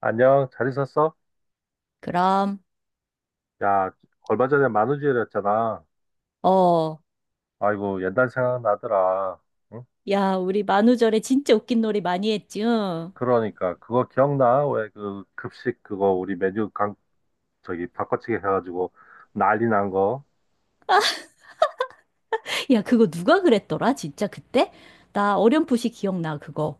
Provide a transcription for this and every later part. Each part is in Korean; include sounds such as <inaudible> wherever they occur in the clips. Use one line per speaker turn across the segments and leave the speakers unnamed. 안녕, 잘 있었어?
그럼,
야, 얼마 전에 만우절이었잖아.
어,
아이고, 옛날 생각나더라. 응?
야, 우리 만우절에 진짜 웃긴 놀이 많이 했지, 응?
그러니까, 그거 기억나? 왜 그 급식 그거 우리 메뉴 강, 저기 바꿔치기 해가지고 난리 난 거?
야, 그거 누가 그랬더라, 진짜 그때? 나 어렴풋이 기억나, 그거.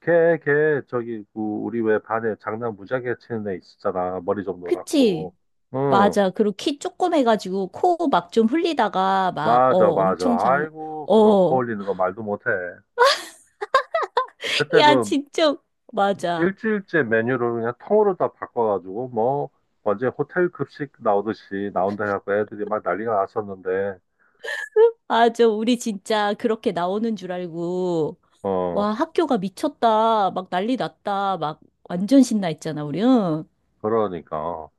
걔, 저기, 그 우리 왜 반에 장난 무지하게 치는 애 있었잖아. 머리 좀
그치?
노랗고. 응,
맞아. 그리고 키 조금 해가지고 코 막 좀 흘리다가 막, 어,
맞아, 맞아. 아이고, 그놈 코
어.
올리는 거 말도 못해.
<laughs>
그때
야,
그
진짜, 맞아.
일주일째 메뉴를 그냥 통으로 다 바꿔가지고 뭐 언제 호텔 급식 나오듯이 나온다 해갖고 애들이 막 난리가 났었는데
아, 저, 우리 진짜 그렇게 나오는 줄 알고,
어
와, 학교가 미쳤다. 막 난리 났다. 막 완전 신나 했잖아, 우리, 응?
그러니까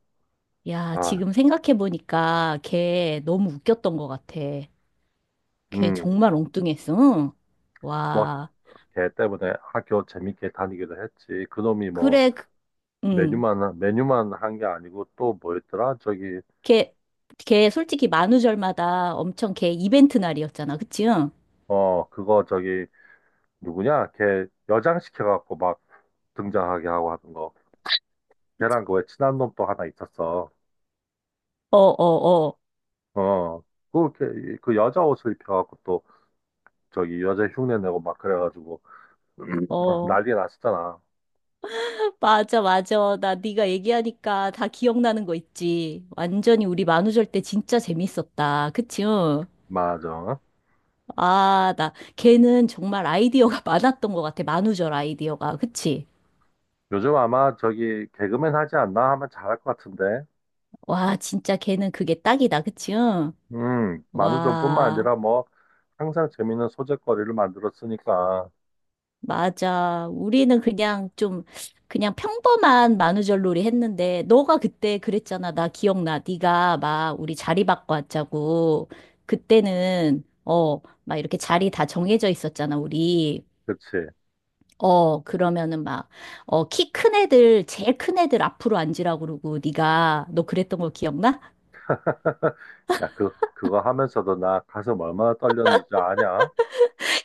야,
아
지금 생각해보니까 걔 너무 웃겼던 것 같아. 걔
음
정말 엉뚱했어. 응?
뭐
와,
걔 때문에 학교 재밌게 다니기도 했지 그놈이 뭐
그래, 그- 응.
메뉴만 한 게 아니고 또 뭐였더라 저기
걔, 걔 솔직히 만우절마다 엄청 걔 이벤트 날이었잖아. 그치? 응?
어 그거 저기 누구냐 걔 여장시켜갖고 막 등장하게 하고 하는 거 걔랑 그 왜 친한 놈 또 하나 있었어
어, 어,
어 그 여자 옷을 입혀갖고 또 저기 여자 흉내 내고 막 그래가지고
어,
<clears throat> 어,
어.
난리 났었잖아.
<laughs> 맞아, 맞아. 나 네가 얘기하니까 다 기억나는 거 있지. 완전히 우리 만우절 때 진짜 재밌었다. 그치? 응?
맞아.
아, 나, 걔는 정말 아이디어가 <laughs> 많았던 것 같아. 만우절 아이디어가. 그치?
요즘 아마 저기 개그맨 하지 않나 하면 잘할 것 같은데.
와, 진짜 걔는 그게 딱이다, 그치? 응?
만우절뿐만
와,
아니라 뭐 항상 재밌는 소재거리를 만들었으니까.
맞아. 우리는 그냥 좀, 그냥 평범한 만우절놀이 했는데, 너가 그때 그랬잖아. 나 기억나. 네가 막 우리 자리 바꿔 왔자고. 그때는, 어, 막 이렇게 자리 다 정해져 있었잖아, 우리.
그치?
어, 그러면은 막, 어, 키 큰 애들, 제일 큰 애들 앞으로 앉으라고 그러고, 네가, 너 그랬던 거 기억나?
<laughs> 야, 그거 하면서도 나 가슴 얼마나 떨렸는지 아냐?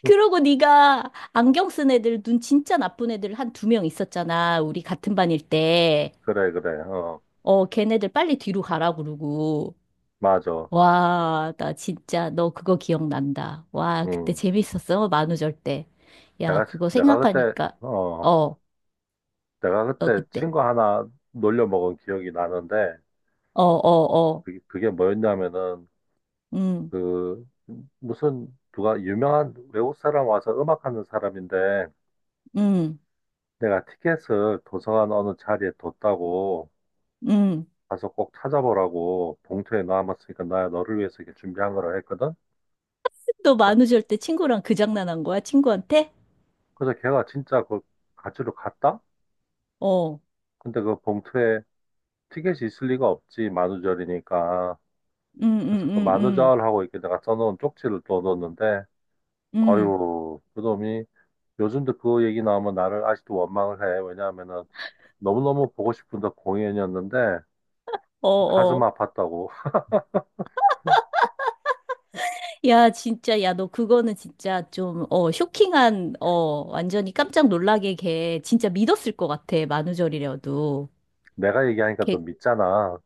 그러고 네가 안경 쓴 애들 눈 진짜 나쁜 애들 한 두 명 있었잖아. 우리 같은 반일 때.
그래, 그래. 어,
어, 걔네들 빨리 뒤로 가라 그러고.
맞아.
와, 나 진짜 너 그거 기억난다. 와, 그때
음,
재밌었어. 만우절 때. 야,
내가,
그거
내가 그때,
생각하니까
어,
어,
내가
너
그때
그때.
친구 하나 놀려 먹은 기억이 나는데,
어, 어, 어.
그게 뭐였냐면은,
응
그 무슨 누가 유명한 외국 사람 와서 음악하는 사람인데
응
내가 티켓을 도서관 어느 자리에 뒀다고
응.
가서 꼭 찾아보라고 봉투에 넣어놨으니까 나 너를 위해서 이렇게 준비한 거라 했거든.
너 만우절 때 친구랑 그 장난한 거야? 친구한테?
그래서 걔가 진짜 그 가지러 갔다?
어.
근데 그 봉투에 티켓이 있을 리가 없지 만우절이니까.
응 응
그래서
응
그
응
만우절하고 이렇게 내가 써놓은 쪽지를 또 넣었는데
응
아유 그놈이 요즘도 그 얘기 나오면 나를 아직도 원망을 해. 왜냐하면은 너무너무 보고 싶은 또 공연이었는데
어,
가슴
어.
아팠다고. <laughs>
야, 진짜, 야, 너 그거는 진짜 좀, 어, 쇼킹한, 어, 완전히 깜짝 놀라게 걔 진짜 믿었을 것 같아, 만우절이라도.
내가 얘기하니까 또
걔,
믿잖아.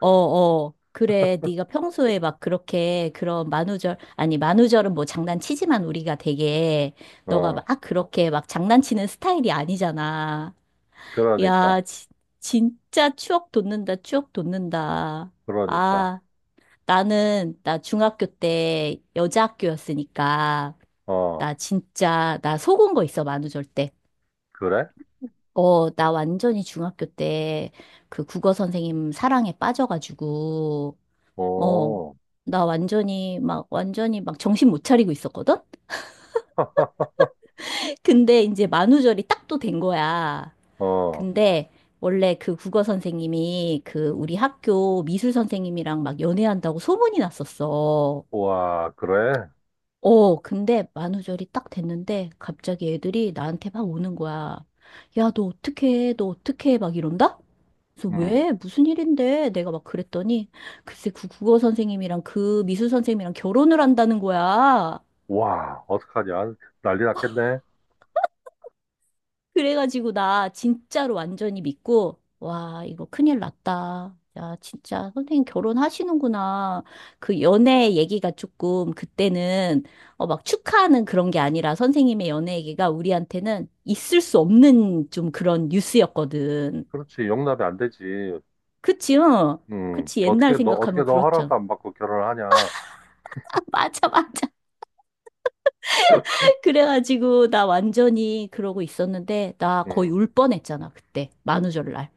어, 어, 그래, 네가 평소에 막 그렇게 그런 만우절, 아니, 만우절은 뭐 장난치지만 우리가 되게, 너가 막
어,
그렇게 막 장난치는 스타일이 아니잖아.
그러니까,
야, 지- 진짜 추억 돋는다, 추억 돋는다.
그러니까.
아. 나는, 나 중학교 때 여자 학교였으니까,
어,
나 진짜, 나 속은 거 있어, 만우절 때.
그래?
어, 나 완전히 중학교 때 그 국어 선생님 사랑에 빠져가지고, 어,
어,
나 완전히 막, 완전히 막 정신 못 차리고 있었거든?
<laughs>
근데 이제 만우절이 딱 또 된 거야.
어,
근데 원래 그 국어 선생님이 그 우리 학교 미술 선생님이랑 막 연애한다고 소문이 났었어.
와, 그래?
어, 근데 만우절이 딱 됐는데 갑자기 애들이 나한테 막 오는 거야. 야, 너 어떻게 해? 너 어떻게 해? 막 이런다? 그래서
음,
왜? 무슨 일인데? 내가 막 그랬더니 글쎄 그 국어 선생님이랑 그 미술 선생님이랑 결혼을 한다는 거야.
와, 어떡하냐? 난리 났겠네.
그래가지고 나 진짜로 완전히 믿고, 와, 이거 큰일 났다. 야, 진짜 선생님 결혼하시는구나. 그 연애 얘기가 조금 그때는 어, 막 축하하는 그런 게 아니라 선생님의 연애 얘기가 우리한테는 있을 수 없는 좀 그런 뉴스였거든.
그렇지, 용납이 안 되지.
그치, 어? 그치,
어떻게
옛날
너, 어떻게
생각하면
너
그렇죠.
허락도 안 받고 결혼을 하냐?
<laughs> 아, 맞아, 맞아. <laughs> 그래가지고 나 완전히 그러고 있었는데, 나 거의
음,
울 뻔했잖아, 그때. 만우절날.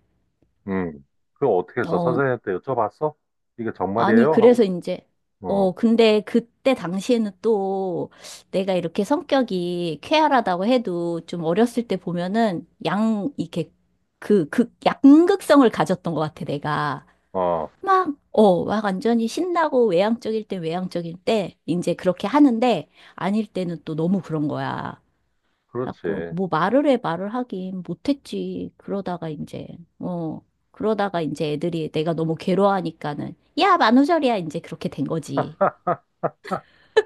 음. 그거 어떻게 했어?
어,
선생님한테 여쭤봤어? 이게
아니,
정말이에요? 하고,
그래서 이제,
어,
어, 근데 그때 당시에는 또 내가 이렇게 성격이 쾌활하다고 해도 좀 어렸을 때 보면은 양, 이렇게 그, 극, 양극성을 가졌던 것 같아, 내가.
어,
막, 어, 막 완전히 신나고 외향적일 때 이제 그렇게 하는데 아닐 때는 또 너무 그런 거야. 자꾸
그렇지.
뭐 말을 하긴 못했지. 그러다가 이제 어 그러다가 이제 애들이 내가 너무 괴로워하니까는 야 만우절이야 이제 그렇게 된 거지.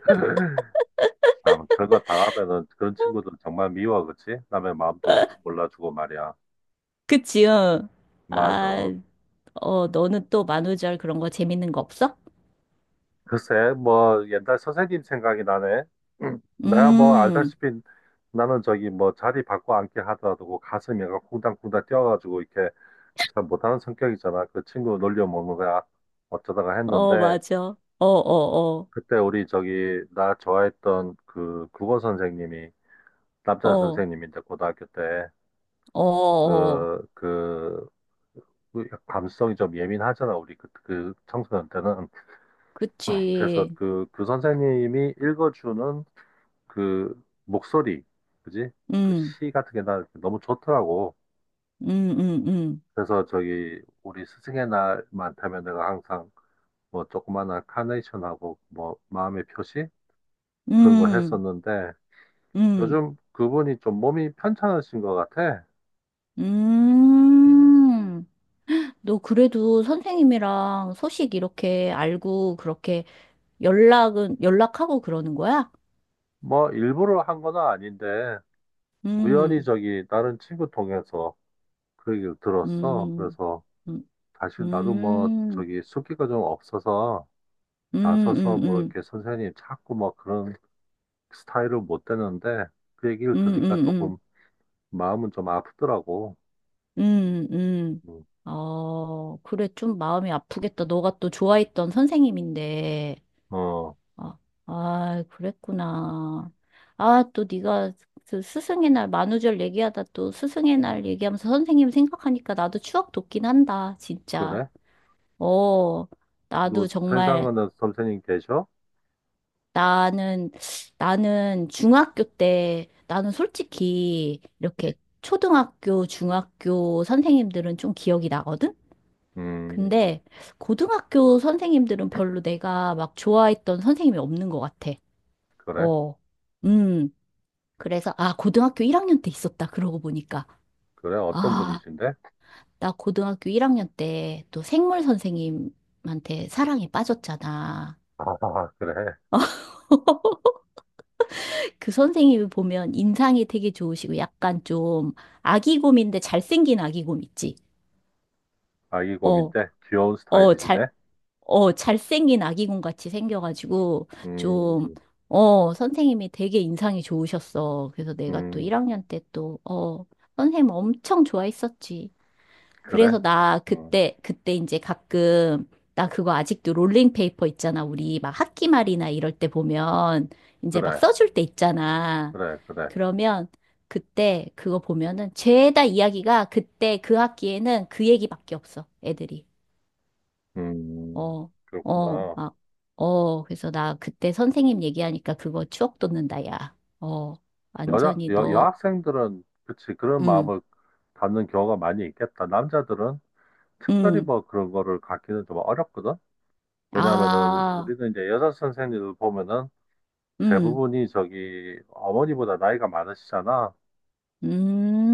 <laughs> 아, 뭐 그런 거 당하면은 그런 친구들 정말 미워, 그치? 남의 마음도 몰라주고 말이야.
그치? 응. 아,
맞아.
어 너는 또 만우절 그런 거 재밌는 거 없어?
글쎄, 뭐 옛날 선생님 생각이 나네. 음. 내가 뭐
음,
알다시피 나는 저기 뭐 자리 바꿔 앉게 하더라도 그 가슴이 가 쿵당쿵당 뛰어가지고 이렇게 그잘 못하는 성격이잖아. 그 친구 놀려 먹는 거야. 어쩌다가
어
했는데
맞아. 어, 어, 어,
그때 우리 저기 나 좋아했던 그 국어 선생님이 남자
어,
선생님인데 고등학교 때
어, 어. 어.
그그 그 감성이 좀 예민하잖아, 우리 그 청소년 때는. 그래서
그치.
그 선생님이 읽어주는 그 목소리, 그지? 그
음,
시 같은 게 나 너무 좋더라고.
음, 음,
그래서 저기, 우리 스승의 날만 되면 내가 항상 뭐 조그마한 카네이션하고 뭐 마음의 표시? 그런 거
음,
했었는데,
음, 음,
요즘 그분이 좀 몸이 편찮으신 것 같아. 음.
음. 너 그래도 선생님이랑 소식 이렇게 알고 그렇게 연락하고 그러는 거야?
뭐 일부러 한 건 아닌데, 우연히
음,
저기 다른 친구 통해서 그 얘기를 들었어.
음,
그래서
음,
사실 나도 뭐
음,
저기 숫기가 좀 없어서
음,
나서서
음,
뭐
음,
이렇게 선생님 찾고 뭐 그런 스타일을 못 되는데 그 얘기를
음,
들으니까
음,
조금 마음은 좀 아프더라고.
음.
음,
어, 그래, 좀 마음이 아프겠다. 너가 또 좋아했던 선생님인데.
어,
아, 아, 그랬구나. 아, 또 네가 그 스승의 날 만우절 얘기하다 또 스승의 날 얘기하면서 선생님 생각하니까 나도 추억 돋긴 한다, 진짜.
그래?
어, 나도
너
정말,
세상에는 선생님 계셔?
나는, 나는 중학교 때, 나는 솔직히 이렇게 초등학교, 중학교 선생님들은 좀 기억이 나거든?
음,
근데 고등학교 선생님들은 별로 내가 막 좋아했던 선생님이 없는 것 같아.
그래?
어, 음. 그래서, 아, 고등학교 1학년 때 있었다. 그러고 보니까.
그래? 어떤
아,
분이신데?
나 고등학교 1학년 때 또 생물 선생님한테 사랑에 빠졌잖아.
아, 그래.
그 선생님을 보면 인상이 되게 좋으시고 약간 좀 아기곰인데 잘생긴 아기곰 있지?
아기
어,
곰인데 귀여운
어, 잘,
스타일이시네.
어, 잘생긴 아기곰 같이 생겨가지고 좀,
음,
어, 선생님이 되게 인상이 좋으셨어. 그래서 내가 또
음,
1학년 때 또, 어, 선생님 엄청 좋아했었지.
그래?
그래서 나
음,
그때, 그때 이제 가끔 나 그거 아직도 롤링페이퍼 있잖아. 우리 막 학기 말이나 이럴 때 보면 이제 막
그래,
써줄 때 있잖아.
그래, 그래.
그러면 그때 그거 보면은 죄다 이야기가 그때 그 학기에는 그 얘기밖에 없어. 애들이. 어, 어,
그렇구나.
막, 어. 그래서 나 그때 선생님 얘기하니까 그거 추억 돋는다, 야. 어, 완전히 너,
여학생들은, 그치, 그런
응,
마음을 갖는 경우가 많이 있겠다. 남자들은 특별히
응,
뭐 그런 거를 갖기는 좀 어렵거든? 왜냐면은,
아,
우리는 이제 여자 선생님들 보면은
응,
대부분이 저기 어머니보다 나이가 많으시잖아.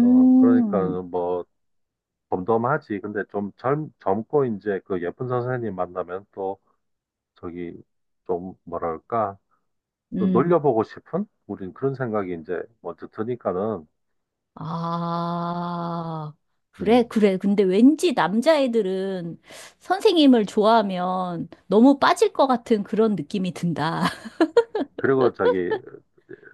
어, 그러니까 뭐 덤덤하지. 근데 좀 젊고 이제 그 예쁜 선생님 만나면 또 저기 좀 뭐랄까, 또
음,
놀려보고 싶은? 우린 그런 생각이 이제 먼저 드니까는,
아, 그래,
음,
그래. 근데 왠지 남자애들은 선생님을 좋아하면 너무 빠질 것 같은 그런 느낌이 든다. <laughs>
그리고 저기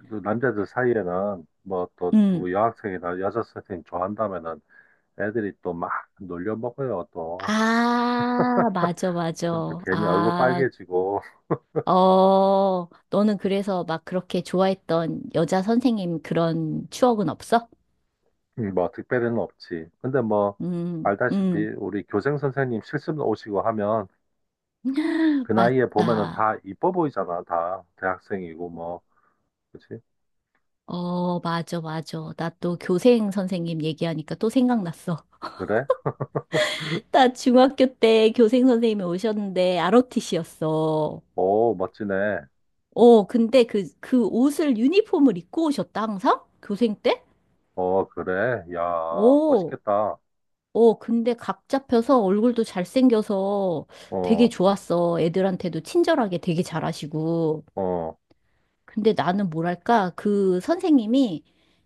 또 남자들 사이에는 뭐 또
음.
누구 여학생이나 여자 선생님 좋아한다면은 애들이 또 막 놀려 먹어요 또.
아, 맞아, 맞아.
그럼 또 괜히 얼굴
아,
빨개지고
어, 너는 그래서 막 그렇게 좋아했던 여자 선생님 그런 추억은 없어?
<laughs> 뭐 특별히는 없지. 근데 뭐
음,
알다시피
음.
우리 교생 선생님 실습 오시고 하면
<gasps> <laughs>
그 나이에 보면은
맞다.
다 이뻐 보이잖아 다 대학생이고 뭐 그치?
어, 맞아, 맞아. 나
음.
또 교생 선생님 얘기하니까 또 생각났어.
그래?
나 중학교 때 교생 선생님이 오셨는데 ROTC였어.
오 멋지네.
어, 근데 유니폼을 입고 오셨다, 항상? 교생 때?
어 그래? 야
어,
멋있겠다.
어, 근데 각 잡혀서 얼굴도 잘생겨서 되게
어
좋았어. 애들한테도 친절하게 되게 잘하시고.
어,
근데 나는 뭐랄까, 그 선생님이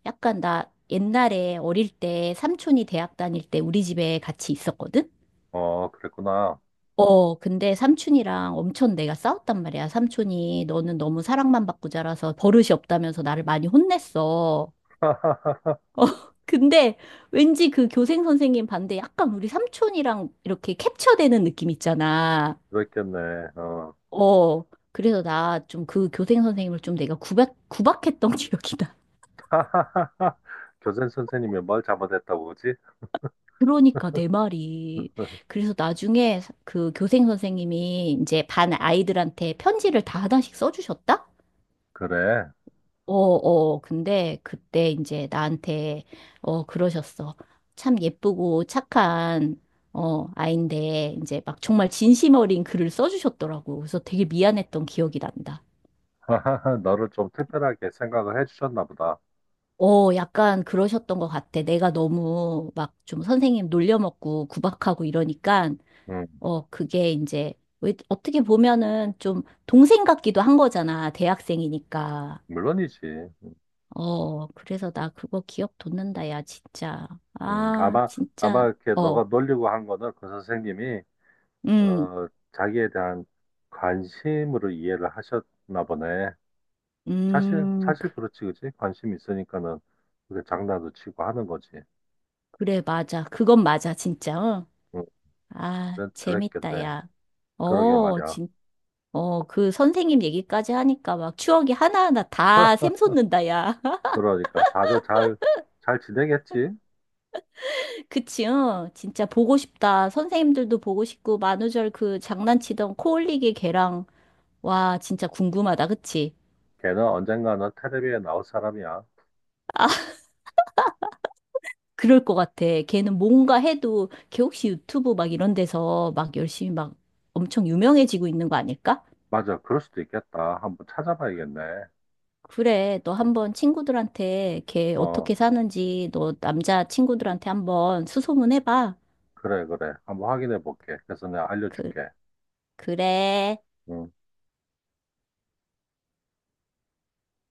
약간 나 옛날에 어릴 때 삼촌이 대학 다닐 때 우리 집에 같이 있었거든?
어, 그랬구나.
어, 근데 삼촌이랑 엄청 내가 싸웠단 말이야. 삼촌이 너는 너무 사랑만 받고 자라서 버릇이 없다면서 나를 많이 혼냈어. <laughs>
<laughs>
어, 근데 왠지 그 교생 선생님 반대 약간 우리 삼촌이랑 이렇게 캡처되는 느낌 있잖아.
그랬겠네. 어.
어, 그래서 나 좀 그 교생 선생님을 좀 내가 구박했던 <laughs> 기억이 나.
<laughs> 교생 선생님이 뭘 잘못했다고 그러지?
그러니까 내 말이. 그래서 나중에 그 교생 선생님이 이제 반 아이들한테 편지를 다 하나씩 써주셨다?
그래.
어, 어, 근데 그때 이제 나한테, 어, 그러셨어. 참 예쁘고 착한, 어, 아인데, 이제 막 정말 진심 어린 글을 써주셨더라고. 그래서 되게 미안했던 기억이 난다.
<laughs> 너를 좀 특별하게 생각을 해주셨나 보다.
어, 약간 그러셨던 것 같아. 내가 너무 막 좀 선생님 놀려먹고 구박하고 이러니까,
음,
어, 그게 이제, 왜, 어떻게 보면은 좀 동생 같기도 한 거잖아. 대학생이니까.
물론이지. 음,
어, 그래서 나 그거 기억 돋는다, 야, 진짜.
음,
아,
아마, 아마
진짜.
이렇게
어,
너가 놀리고 한 거는 그 선생님이,
음,
어, 자기에 대한 관심으로 이해를 하셨나 보네. 사실,
음, 그,
사실 그렇지, 그치? 관심이 있으니까는 그게 장난도 치고 하는 거지.
그래, 맞아. 그건 맞아, 진짜. 어.
음,
아,
그랬,
재밌다,
그랬겠네.
야.
그러게
어,
말이야.
어, 그 선생님 얘기까지 하니까 막 추억이 하나하나 다 샘솟는다, 야. <laughs>
그러니까 다들 잘 지내겠지?
그치, 어? 진짜 보고 싶다. 선생님들도 보고 싶고, 만우절 그 장난치던 코 올리기 걔랑, 와, 진짜 궁금하다, 그치?
걔는 언젠가는 텔레비에 나올 사람이야.
그럴 것 같아. 걔는 뭔가 해도 걔 혹시 유튜브 막 이런 데서 막 열심히 막 엄청 유명해지고 있는 거 아닐까?
맞아, 그럴 수도 있겠다. 한번 찾아봐야겠네.
그래, 너 한번 친구들한테 걔
어,
어떻게 사는지 너 남자 친구들한테 한번 수소문 해봐.
그래, 그래. 한번 확인해 볼게. 그래서 내가
그,
알려줄게.
그래.
응.